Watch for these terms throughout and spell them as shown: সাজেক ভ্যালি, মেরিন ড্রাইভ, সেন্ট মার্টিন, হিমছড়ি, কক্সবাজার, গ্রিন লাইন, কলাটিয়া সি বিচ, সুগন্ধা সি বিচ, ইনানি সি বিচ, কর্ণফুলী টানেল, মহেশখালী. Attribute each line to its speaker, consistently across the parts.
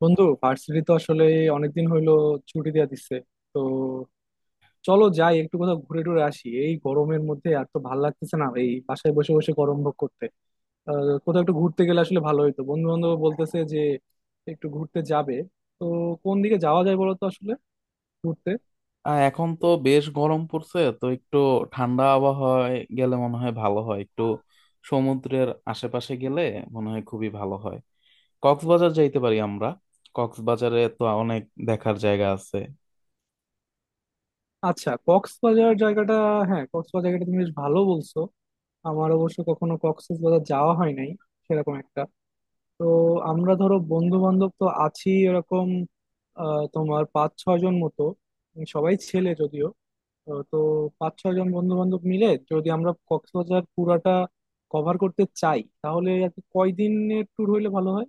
Speaker 1: বন্ধু ভার্সিটি তো আসলে অনেকদিন হইলো ছুটি দিয়ে দিচ্ছে তো চলো যাই একটু কোথাও ঘুরে টুরে আসি এই গরমের মধ্যে আর তো ভাল লাগতেছে না এই বাসায় বসে বসে গরম ভোগ করতে। কোথাও একটু ঘুরতে গেলে আসলে ভালো হইতো, বন্ধু বান্ধব বলতেছে যে একটু ঘুরতে যাবে, তো কোন দিকে যাওয়া যায় বলো তো আসলে ঘুরতে।
Speaker 2: এখন তো বেশ গরম পড়ছে, তো একটু ঠান্ডা আবহাওয়ায় গেলে মনে হয় ভালো হয়। একটু সমুদ্রের আশেপাশে গেলে মনে হয় খুবই ভালো হয়। কক্সবাজার যাইতে পারি আমরা। কক্সবাজারে তো অনেক দেখার জায়গা আছে।
Speaker 1: আচ্ছা, কক্সবাজার জায়গাটা, হ্যাঁ কক্সবাজার জায়গাটা তুমি বেশ ভালো বলছো। আমার অবশ্য কখনো কক্সবাজার যাওয়া হয় নাই সেরকম একটা। তো আমরা ধরো বন্ধু বান্ধব তো আছি এরকম তোমার পাঁচ ছয় জন মতো, সবাই ছেলে যদিও। তো পাঁচ ছয় জন বন্ধু বান্ধব মিলে যদি আমরা কক্সবাজার পুরাটা কভার করতে চাই, তাহলে আর কি কয়দিনের ট্যুর হইলে ভালো হয়?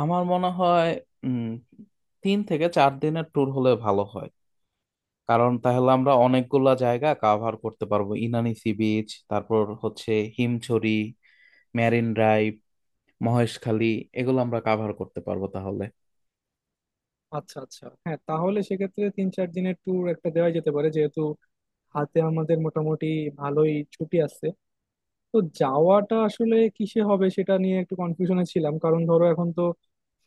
Speaker 2: আমার মনে হয় উম তিন থেকে চার দিনের ট্যুর হলে ভালো হয়। কারণ তাহলে আমরা অনেকগুলা জায়গা কাভার করতে পারবো। ইনানি সি বিচ, তারপর হচ্ছে হিমছড়ি, মেরিন ড্রাইভ, মহেশখালী, এগুলো আমরা কাভার করতে পারবো তাহলে।
Speaker 1: আচ্ছা আচ্ছা, হ্যাঁ তাহলে সেক্ষেত্রে তিন চার দিনের ট্যুর একটা দেওয়া যেতে পারে, যেহেতু হাতে আমাদের মোটামুটি ভালোই ছুটি আছে। তো যাওয়াটা আসলে কিসে হবে সেটা নিয়ে একটু কনফিউশনে ছিলাম, কারণ ধরো এখন তো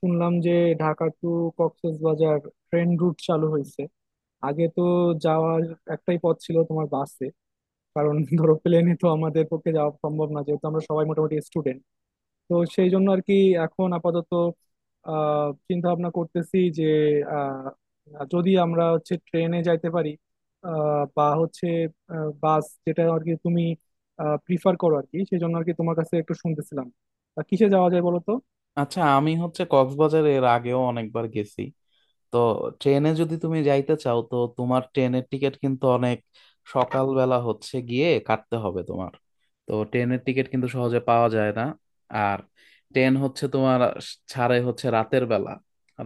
Speaker 1: শুনলাম যে Dhaka to কক্সবাজার train route চালু হয়েছে। আগে তো যাওয়ার একটাই পথ ছিল তোমার, বাসে। কারণ ধরো প্লেনে তো আমাদের পক্ষে যাওয়া সম্ভব না, যেহেতু আমরা সবাই মোটামুটি স্টুডেন্ট। তো সেই জন্য আর কি এখন আপাতত আহ চিন্তা ভাবনা করতেছি যে আহ, যদি আমরা হচ্ছে ট্রেনে যাইতে পারি, বা হচ্ছে বাস, যেটা আর কি তুমি প্রিফার করো আর কি, সেই জন্য আর কি তোমার কাছে একটু শুনতেছিলাম, তা কিসে যাওয়া যায় বলো তো।
Speaker 2: আচ্ছা, আমি হচ্ছে কক্সবাজার এর আগেও অনেকবার গেছি। তো ট্রেনে যদি তুমি যাইতে চাও, তো তোমার ট্রেনের টিকিট কিন্তু অনেক সকালবেলা হচ্ছে গিয়ে কাটতে হবে তোমার। তো ট্রেনের টিকিট কিন্তু সহজে পাওয়া যায় না। আর ট্রেন হচ্ছে তোমার ছাড়ে হচ্ছে রাতের বেলা।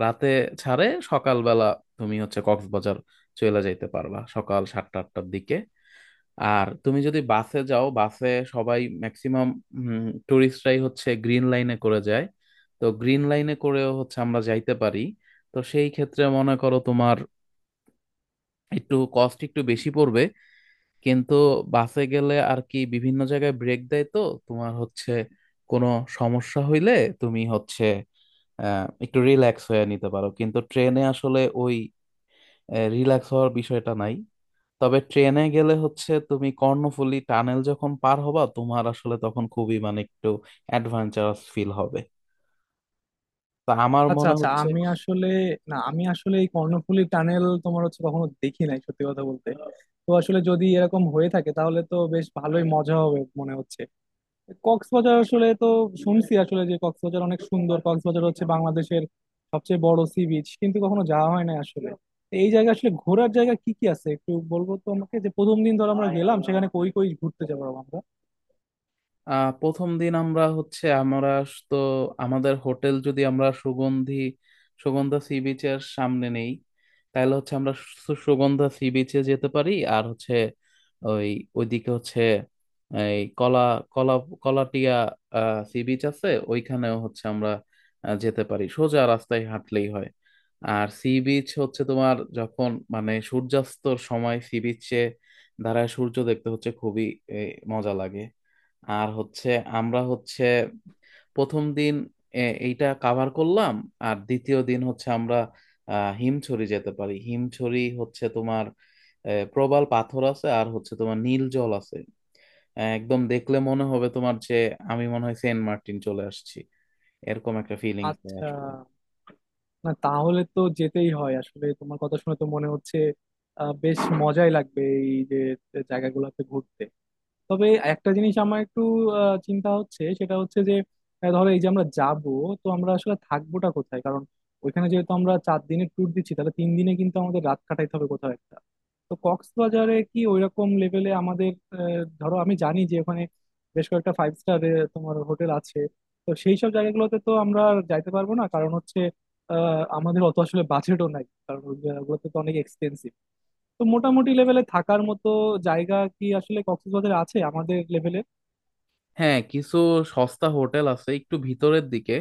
Speaker 2: রাতে ছাড়ে, সকালবেলা তুমি হচ্ছে কক্সবাজার চলে যাইতে পারবা সকাল 7টা 8টার দিকে। আর তুমি যদি বাসে যাও, বাসে সবাই ম্যাক্সিমাম টুরিস্টরাই হচ্ছে গ্রিন লাইনে করে যায়। তো গ্রিন লাইনে করেও হচ্ছে আমরা যাইতে পারি। তো সেই ক্ষেত্রে মনে করো তোমার একটু কস্ট একটু বেশি পড়বে। কিন্তু বাসে গেলে আর কি বিভিন্ন জায়গায় ব্রেক দেয়, তো তোমার হচ্ছে কোনো সমস্যা হইলে তুমি হচ্ছে একটু রিল্যাক্স হয়ে নিতে পারো। কিন্তু ট্রেনে আসলে ওই রিল্যাক্স হওয়ার বিষয়টা নাই। তবে ট্রেনে গেলে হচ্ছে তুমি কর্ণফুলী টানেল যখন পার হবা, তোমার আসলে তখন খুবই মানে একটু অ্যাডভেঞ্চারাস ফিল হবে, তা আমার
Speaker 1: আচ্ছা
Speaker 2: মনে
Speaker 1: আচ্ছা,
Speaker 2: হচ্ছে।
Speaker 1: আমি আসলে, না আমি আসলে এই কর্ণফুলী টানেল তোমার হচ্ছে কখনো দেখি নাই সত্যি কথা বলতে। তো আসলে যদি এরকম হয়ে থাকে তাহলে তো বেশ ভালোই মজা হবে মনে হচ্ছে। কক্সবাজার আসলে তো শুনছি আসলে যে কক্সবাজার অনেক সুন্দর, কক্সবাজার হচ্ছে বাংলাদেশের সবচেয়ে বড় সি বিচ, কিন্তু কখনো যাওয়া হয় না আসলে। তো এই জায়গায় আসলে ঘোরার জায়গা কি কি আছে একটু বলবো তো আমাকে, যে প্রথম দিন ধর আমরা গেলাম সেখানে কই কই ঘুরতে যাবো আমরা?
Speaker 2: প্রথম দিন আমরা তো আমাদের হোটেল যদি আমরা সুগন্ধা সি বিচের সামনে নেই, তাহলে হচ্ছে আমরা সুগন্ধা সি বিচে যেতে পারি। আর হচ্ছে ওই ওইদিকে হচ্ছে এই কলা কলা কলাটিয়া সি বিচ আছে, ওইখানেও হচ্ছে আমরা যেতে পারি, সোজা রাস্তায় হাঁটলেই হয়। আর সি বিচ হচ্ছে তোমার যখন মানে সূর্যাস্তর সময় সি বিচে দাঁড়ায় সূর্য দেখতে হচ্ছে খুবই এ, মজা লাগে। আর হচ্ছে আমরা হচ্ছে প্রথম দিন এইটা কাভার করলাম। আর দ্বিতীয় দিন হচ্ছে আমরা হিমছড়ি যেতে পারি। হিমছড়ি হচ্ছে তোমার প্রবাল পাথর আছে, আর হচ্ছে তোমার নীল জল আছে। একদম দেখলে মনে হবে তোমার যে আমি মনে হয় সেন্ট মার্টিন চলে আসছি, এরকম একটা ফিলিংস
Speaker 1: আচ্ছা,
Speaker 2: আসলে।
Speaker 1: না তাহলে তো যেতেই হয় আসলে, তোমার কথা শুনে তো মনে হচ্ছে বেশ মজাই লাগবে এই যে জায়গাগুলোতে ঘুরতে। তবে একটা জিনিস আমার একটু চিন্তা হচ্ছে, সেটা হচ্ছে যে ধরো এই যে আমরা যাব, তো আমরা আসলে থাকবোটা কোথায়? কারণ ওইখানে যেহেতু আমরা চার দিনের ট্যুর দিচ্ছি, তাহলে তিন দিনে কিন্তু আমাদের রাত কাটাইতে হবে কোথাও একটা। তো কক্সবাজারে কি ওইরকম লেভেলে আমাদের, ধরো আমি জানি যে ওখানে বেশ কয়েকটা ফাইভ স্টার তোমার হোটেল আছে, তো সেই সব জায়গাগুলোতে তো আমরা আর যাইতে পারবো না, কারণ হচ্ছে আহ আমাদের অত আসলে বাজেটও নাই, কারণ ওগুলোতে তো অনেক এক্সপেন্সিভ। তো মোটামুটি লেভেলে থাকার মতো জায়গা কি আসলে কক্সবাজারে আছে আমাদের লেভেলে?
Speaker 2: হ্যাঁ, কিছু সস্তা হোটেল আছে একটু ভিতরের দিকে।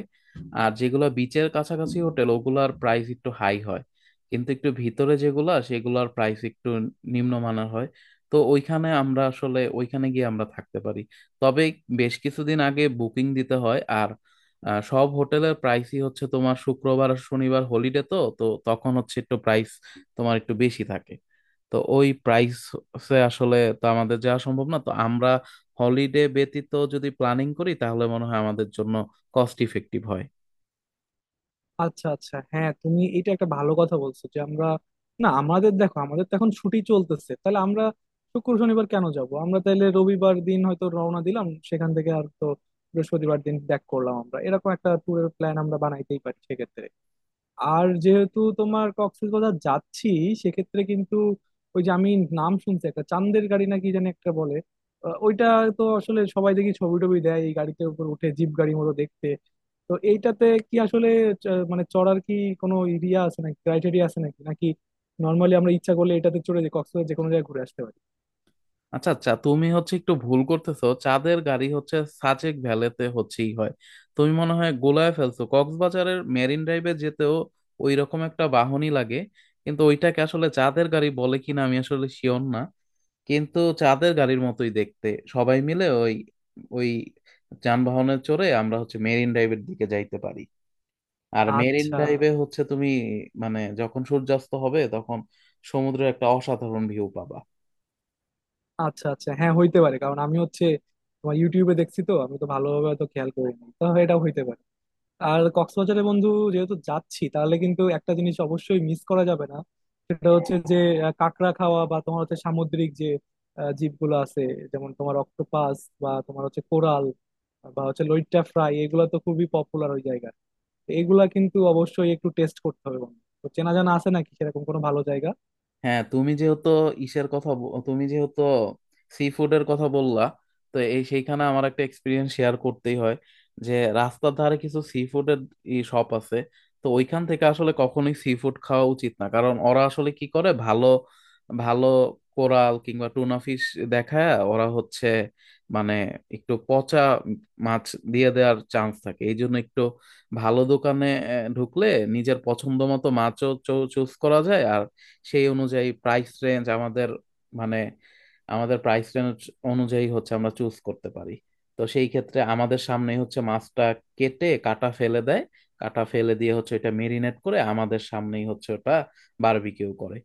Speaker 2: আর যেগুলো বিচের কাছাকাছি হোটেল ওগুলার প্রাইস একটু হাই হয়, কিন্তু একটু ভিতরে যেগুলা সেগুলার প্রাইস একটু নিম্নমানের হয়। তো ওইখানে আমরা আসলে ওইখানে গিয়ে আমরা থাকতে পারি। তবে বেশ কিছুদিন আগে বুকিং দিতে হয়। আর সব হোটেলের প্রাইসই হচ্ছে তোমার শুক্রবার আর শনিবার হলিডে, তো তো তখন হচ্ছে একটু প্রাইস তোমার একটু বেশি থাকে। তো ওই প্রাইসে আসলে তো আমাদের যাওয়া সম্ভব না। তো আমরা হলিডে ব্যতীত যদি প্ল্যানিং করি, তাহলে মনে হয় আমাদের জন্য কস্ট ইফেক্টিভ হয়।
Speaker 1: আচ্ছা আচ্ছা, হ্যাঁ তুমি এটা একটা ভালো কথা বলছো যে আমরা, না আমাদের দেখো আমাদের তো এখন ছুটি চলতেছে, তাহলে আমরা শুক্র শনিবার কেন যাব? আমরা তাহলে রবিবার দিন হয়তো রওনা দিলাম সেখান থেকে, আর তো বৃহস্পতিবার দিন ব্যাক করলাম আমরা, এরকম একটা ট্যুরের প্ল্যান আমরা বানাইতেই পারি সেক্ষেত্রে। আর যেহেতু তোমার কক্সবাজার যাচ্ছি সেক্ষেত্রে কিন্তু ওই যে আমি নাম শুনছি একটা চান্দের গাড়ি নাকি জানি একটা বলে ওইটা, তো আসলে সবাই দেখি ছবি টবি দেয় এই গাড়িতে উপর উঠে, জিপ গাড়ি মতো দেখতে। তো এইটাতে কি আসলে মানে চড়ার কি কোনো এরিয়া আছে নাকি, ক্রাইটেরিয়া আছে নাকি নাকি নর্মালি আমরা ইচ্ছা করলে এটাতে চড়ে যে কক্সবাজার যে কোনো জায়গায় ঘুরে আসতে পারি?
Speaker 2: আচ্ছা আচ্ছা, তুমি হচ্ছে একটু ভুল করতেছো। চাঁদের গাড়ি হচ্ছে সাজেক ভ্যালিতে হচ্ছেই হয়। তুমি মনে হয় গোলায় ফেলছো। কক্সবাজারের মেরিন ড্রাইভে যেতেও ওই রকম একটা বাহনই লাগে, কিন্তু ওইটাকে আসলে চাঁদের গাড়ি বলে কিনা আমি আসলে শিওর না। কিন্তু চাঁদের গাড়ির মতোই দেখতে। সবাই মিলে ওই ওই যানবাহনে চড়ে আমরা হচ্ছে মেরিন ড্রাইভের দিকে যাইতে পারি। আর মেরিন
Speaker 1: আচ্ছা
Speaker 2: ড্রাইভে হচ্ছে তুমি মানে যখন সূর্যাস্ত হবে তখন সমুদ্রের একটা অসাধারণ ভিউ পাবা।
Speaker 1: আচ্ছা আচ্ছা, হ্যাঁ হইতে পারে, কারণ আমি হচ্ছে তোমার ইউটিউবে দেখছি, তো আমি তো ভালোভাবে তো খেয়াল করিনি, তো এটা হইতে পারে। আর কক্সবাজারে বন্ধু যেহেতু যাচ্ছি তাহলে কিন্তু একটা জিনিস অবশ্যই মিস করা যাবে না, সেটা হচ্ছে যে কাঁকড়া খাওয়া, বা তোমার হচ্ছে সামুদ্রিক যে জীবগুলো আছে, যেমন তোমার অক্টোপাস, বা তোমার হচ্ছে কোরাল, বা হচ্ছে লইট্টা ফ্রাই, এগুলো তো খুবই পপুলার ওই জায়গায়। তো এগুলা কিন্তু অবশ্যই একটু টেস্ট করতে হবে বন্ধু, তো চেনা জানা আছে নাকি সেরকম কোনো ভালো জায়গা?
Speaker 2: হ্যাঁ তুমি যেহেতু তুমি যেহেতু সি ফুডের কথা বললা, তো এই সেইখানে আমার একটা এক্সপিরিয়েন্স শেয়ার করতেই হয়। যে রাস্তার ধারে কিছু সি ফুডের শপ আছে, তো ওইখান থেকে আসলে কখনোই সি ফুড খাওয়া উচিত না। কারণ ওরা আসলে কি করে ভালো ভালো কোরাল কিংবা টুনা ফিশ দেখায়, ওরা হচ্ছে মানে একটু পচা মাছ দিয়ে দেওয়ার চান্স থাকে। এই জন্য একটু ভালো দোকানে ঢুকলে নিজের পছন্দ মতো মাছও চুজ করা যায়। আর সেই অনুযায়ী প্রাইস রেঞ্জ আমাদের মানে আমাদের প্রাইস রেঞ্জ অনুযায়ী হচ্ছে আমরা চুজ করতে পারি। তো সেই ক্ষেত্রে আমাদের সামনেই হচ্ছে মাছটা কেটে কাটা ফেলে দেয়, কাটা ফেলে দিয়ে হচ্ছে এটা মেরিনেট করে আমাদের সামনেই হচ্ছে ওটা বারবিকিউ করে।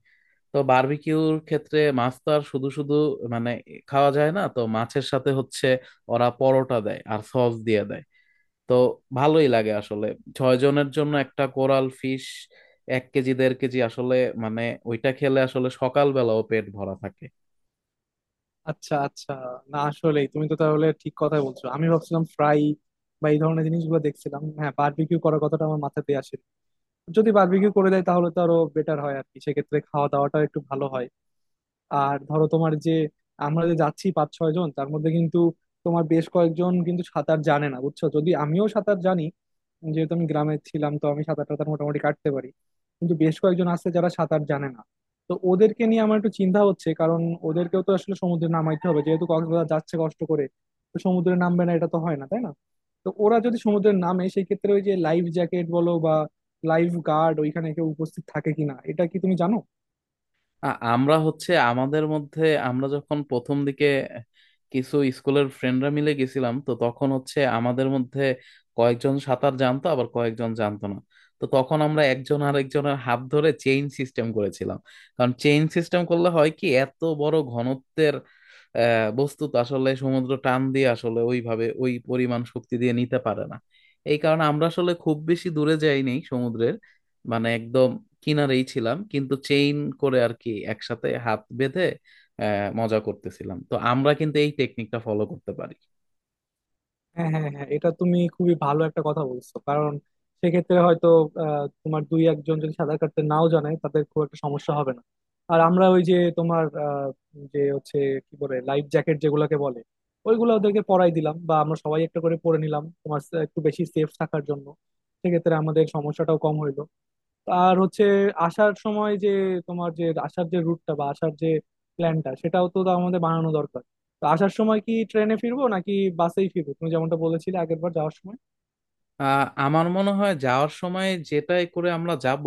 Speaker 2: তো বারবিকিউর ক্ষেত্রে মাছ তো আর শুধু শুধু মানে খাওয়া যায় না, তো মাছের সাথে হচ্ছে ওরা পরোটা দেয় আর সস দিয়ে দেয়। তো ভালোই লাগে আসলে। 6 জনের জন্য একটা কোরাল ফিশ, 1 কেজি 1.5 কেজি আসলে মানে ওইটা খেলে আসলে সকালবেলাও পেট ভরা থাকে।
Speaker 1: আচ্ছা আচ্ছা, না আসলেই তুমি তো তাহলে ঠিক কথাই বলছো। আমি ভাবছিলাম ফ্রাই বা এই ধরনের জিনিসগুলো দেখছিলাম, হ্যাঁ বারবিকিউ করার কথাটা আমার মাথাতে আসে। যদি বারবিকিউ করে দেয় তাহলে তো আরো বেটার হয় আর কি, সেক্ষেত্রে খাওয়া দাওয়াটাও একটু ভালো হয়। আর ধরো তোমার যে আমরা যে যাচ্ছি পাঁচ ছয় জন, তার মধ্যে কিন্তু তোমার বেশ কয়েকজন কিন্তু সাঁতার জানে না বুঝছো, যদি আমিও সাঁতার জানি, যেহেতু আমি গ্রামে ছিলাম তো আমি সাঁতার টাতার মোটামুটি কাটতে পারি, কিন্তু বেশ কয়েকজন আছে যারা সাঁতার জানে না। তো ওদেরকে নিয়ে আমার একটু চিন্তা হচ্ছে, কারণ ওদেরকেও তো আসলে সমুদ্রে নামাইতে হবে, যেহেতু কক্সবাজার যাচ্ছে কষ্ট করে, তো সমুদ্রে নামবে না এটা তো হয় না তাই না। তো ওরা যদি সমুদ্রে নামে সেই ক্ষেত্রে ওই যে লাইফ জ্যাকেট বলো বা লাইফ গার্ড, ওইখানে কেউ উপস্থিত থাকে কিনা এটা কি তুমি জানো?
Speaker 2: আমরা হচ্ছে আমাদের মধ্যে আমরা যখন প্রথম দিকে কিছু স্কুলের ফ্রেন্ডরা মিলে গেছিলাম, তো তখন হচ্ছে আমাদের মধ্যে কয়েকজন সাঁতার জানতো আবার কয়েকজন জানতো না। তো তখন আমরা একজন আর একজনের হাত ধরে চেইন সিস্টেম করেছিলাম। কারণ চেইন সিস্টেম করলে হয় কি, এত বড় ঘনত্বের বস্তু তো আসলে সমুদ্র টান দিয়ে আসলে ওইভাবে ওই পরিমাণ শক্তি দিয়ে নিতে পারে না। এই কারণে আমরা আসলে খুব বেশি দূরে যাইনি সমুদ্রের, মানে একদম কিনারেই ছিলাম, কিন্তু চেইন করে আর কি একসাথে হাত বেঁধে মজা করতেছিলাম। তো আমরা কিন্তু এই টেকনিকটা ফলো করতে পারি।
Speaker 1: হ্যাঁ হ্যাঁ হ্যাঁ, এটা তুমি খুবই ভালো একটা কথা বলছো, কারণ সেক্ষেত্রে হয়তো তোমার দুই একজন যদি সাঁতার কাটতে নাও জানে তাদের খুব একটা সমস্যা হবে না। আর আমরা ওই যে তোমার যে হচ্ছে কি বলে লাইফ জ্যাকেট যেগুলোকে বলে, ওইগুলো ওদেরকে পরাই দিলাম বা আমরা সবাই একটা করে পরে নিলাম তোমার, একটু বেশি সেফ থাকার জন্য, সেক্ষেত্রে আমাদের সমস্যাটাও কম হইলো। আর হচ্ছে আসার সময় যে তোমার, যে আসার যে রুটটা বা আসার যে প্ল্যানটা সেটাও তো আমাদের বানানো দরকার। তো আসার সময় কি ট্রেনে ফিরবো নাকি বাসেই ফিরবো, তুমি যেমনটা বলেছিলে আগের বার যাওয়ার সময়?
Speaker 2: আমার মনে হয় যাওয়ার সময় যেটাই করে আমরা যাব,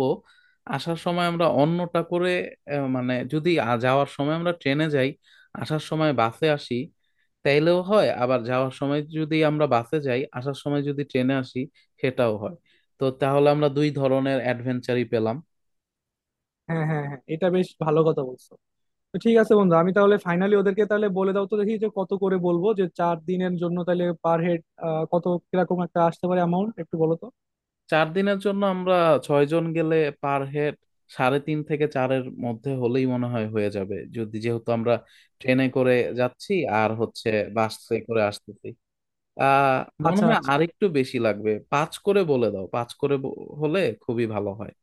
Speaker 2: আসার সময় আমরা অন্যটা করে মানে যদি যাওয়ার সময় আমরা ট্রেনে যাই আসার সময় বাসে আসি তাইলেও হয়, আবার যাওয়ার সময় যদি আমরা বাসে যাই আসার সময় যদি ট্রেনে আসি সেটাও হয়। তো তাহলে আমরা দুই ধরনের অ্যাডভেঞ্চারই পেলাম।
Speaker 1: হ্যাঁ হ্যাঁ হ্যাঁ, এটা বেশ ভালো কথা বলছো। তো ঠিক আছে বন্ধু আমি তাহলে ফাইনালি ওদেরকে তাহলে বলে দাও তো দেখি যে কত করে বলবো, যে চার দিনের জন্য তাহলে পার হেড কত কিরকম একটা আসতে পারে অ্যামাউন্ট একটু বলো তো।
Speaker 2: চার দিনের জন্য আমরা ছয়জন গেলে পার হেড সাড়ে তিন থেকে চারের মধ্যে হলেই মনে হয় হয়ে যাবে, যদি যেহেতু আমরা ট্রেনে করে যাচ্ছি আর হচ্ছে বাসে করে আসতেছি। আহ মনে
Speaker 1: আচ্ছা
Speaker 2: হয়
Speaker 1: আচ্ছা,
Speaker 2: আরেকটু বেশি লাগবে, পাঁচ করে বলে দাও। হলে খুবই ভালো হয়।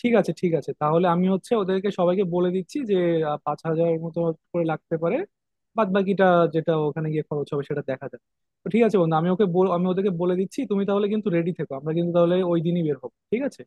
Speaker 1: ঠিক আছে ঠিক আছে, তাহলে আমি হচ্ছে ওদেরকে সবাইকে বলে দিচ্ছি যে পাঁচ হাজারের মতো করে লাগতে পারে, বাদ বাকিটা যেটা ওখানে গিয়ে খরচ হবে সেটা দেখা যাবে। তো ঠিক আছে বন্ধু, আমি আমি ওদেরকে বলে দিচ্ছি, তুমি তাহলে কিন্তু রেডি থেকো, আমরা কিন্তু তাহলে ওই দিনই বের হবো, ঠিক আছে।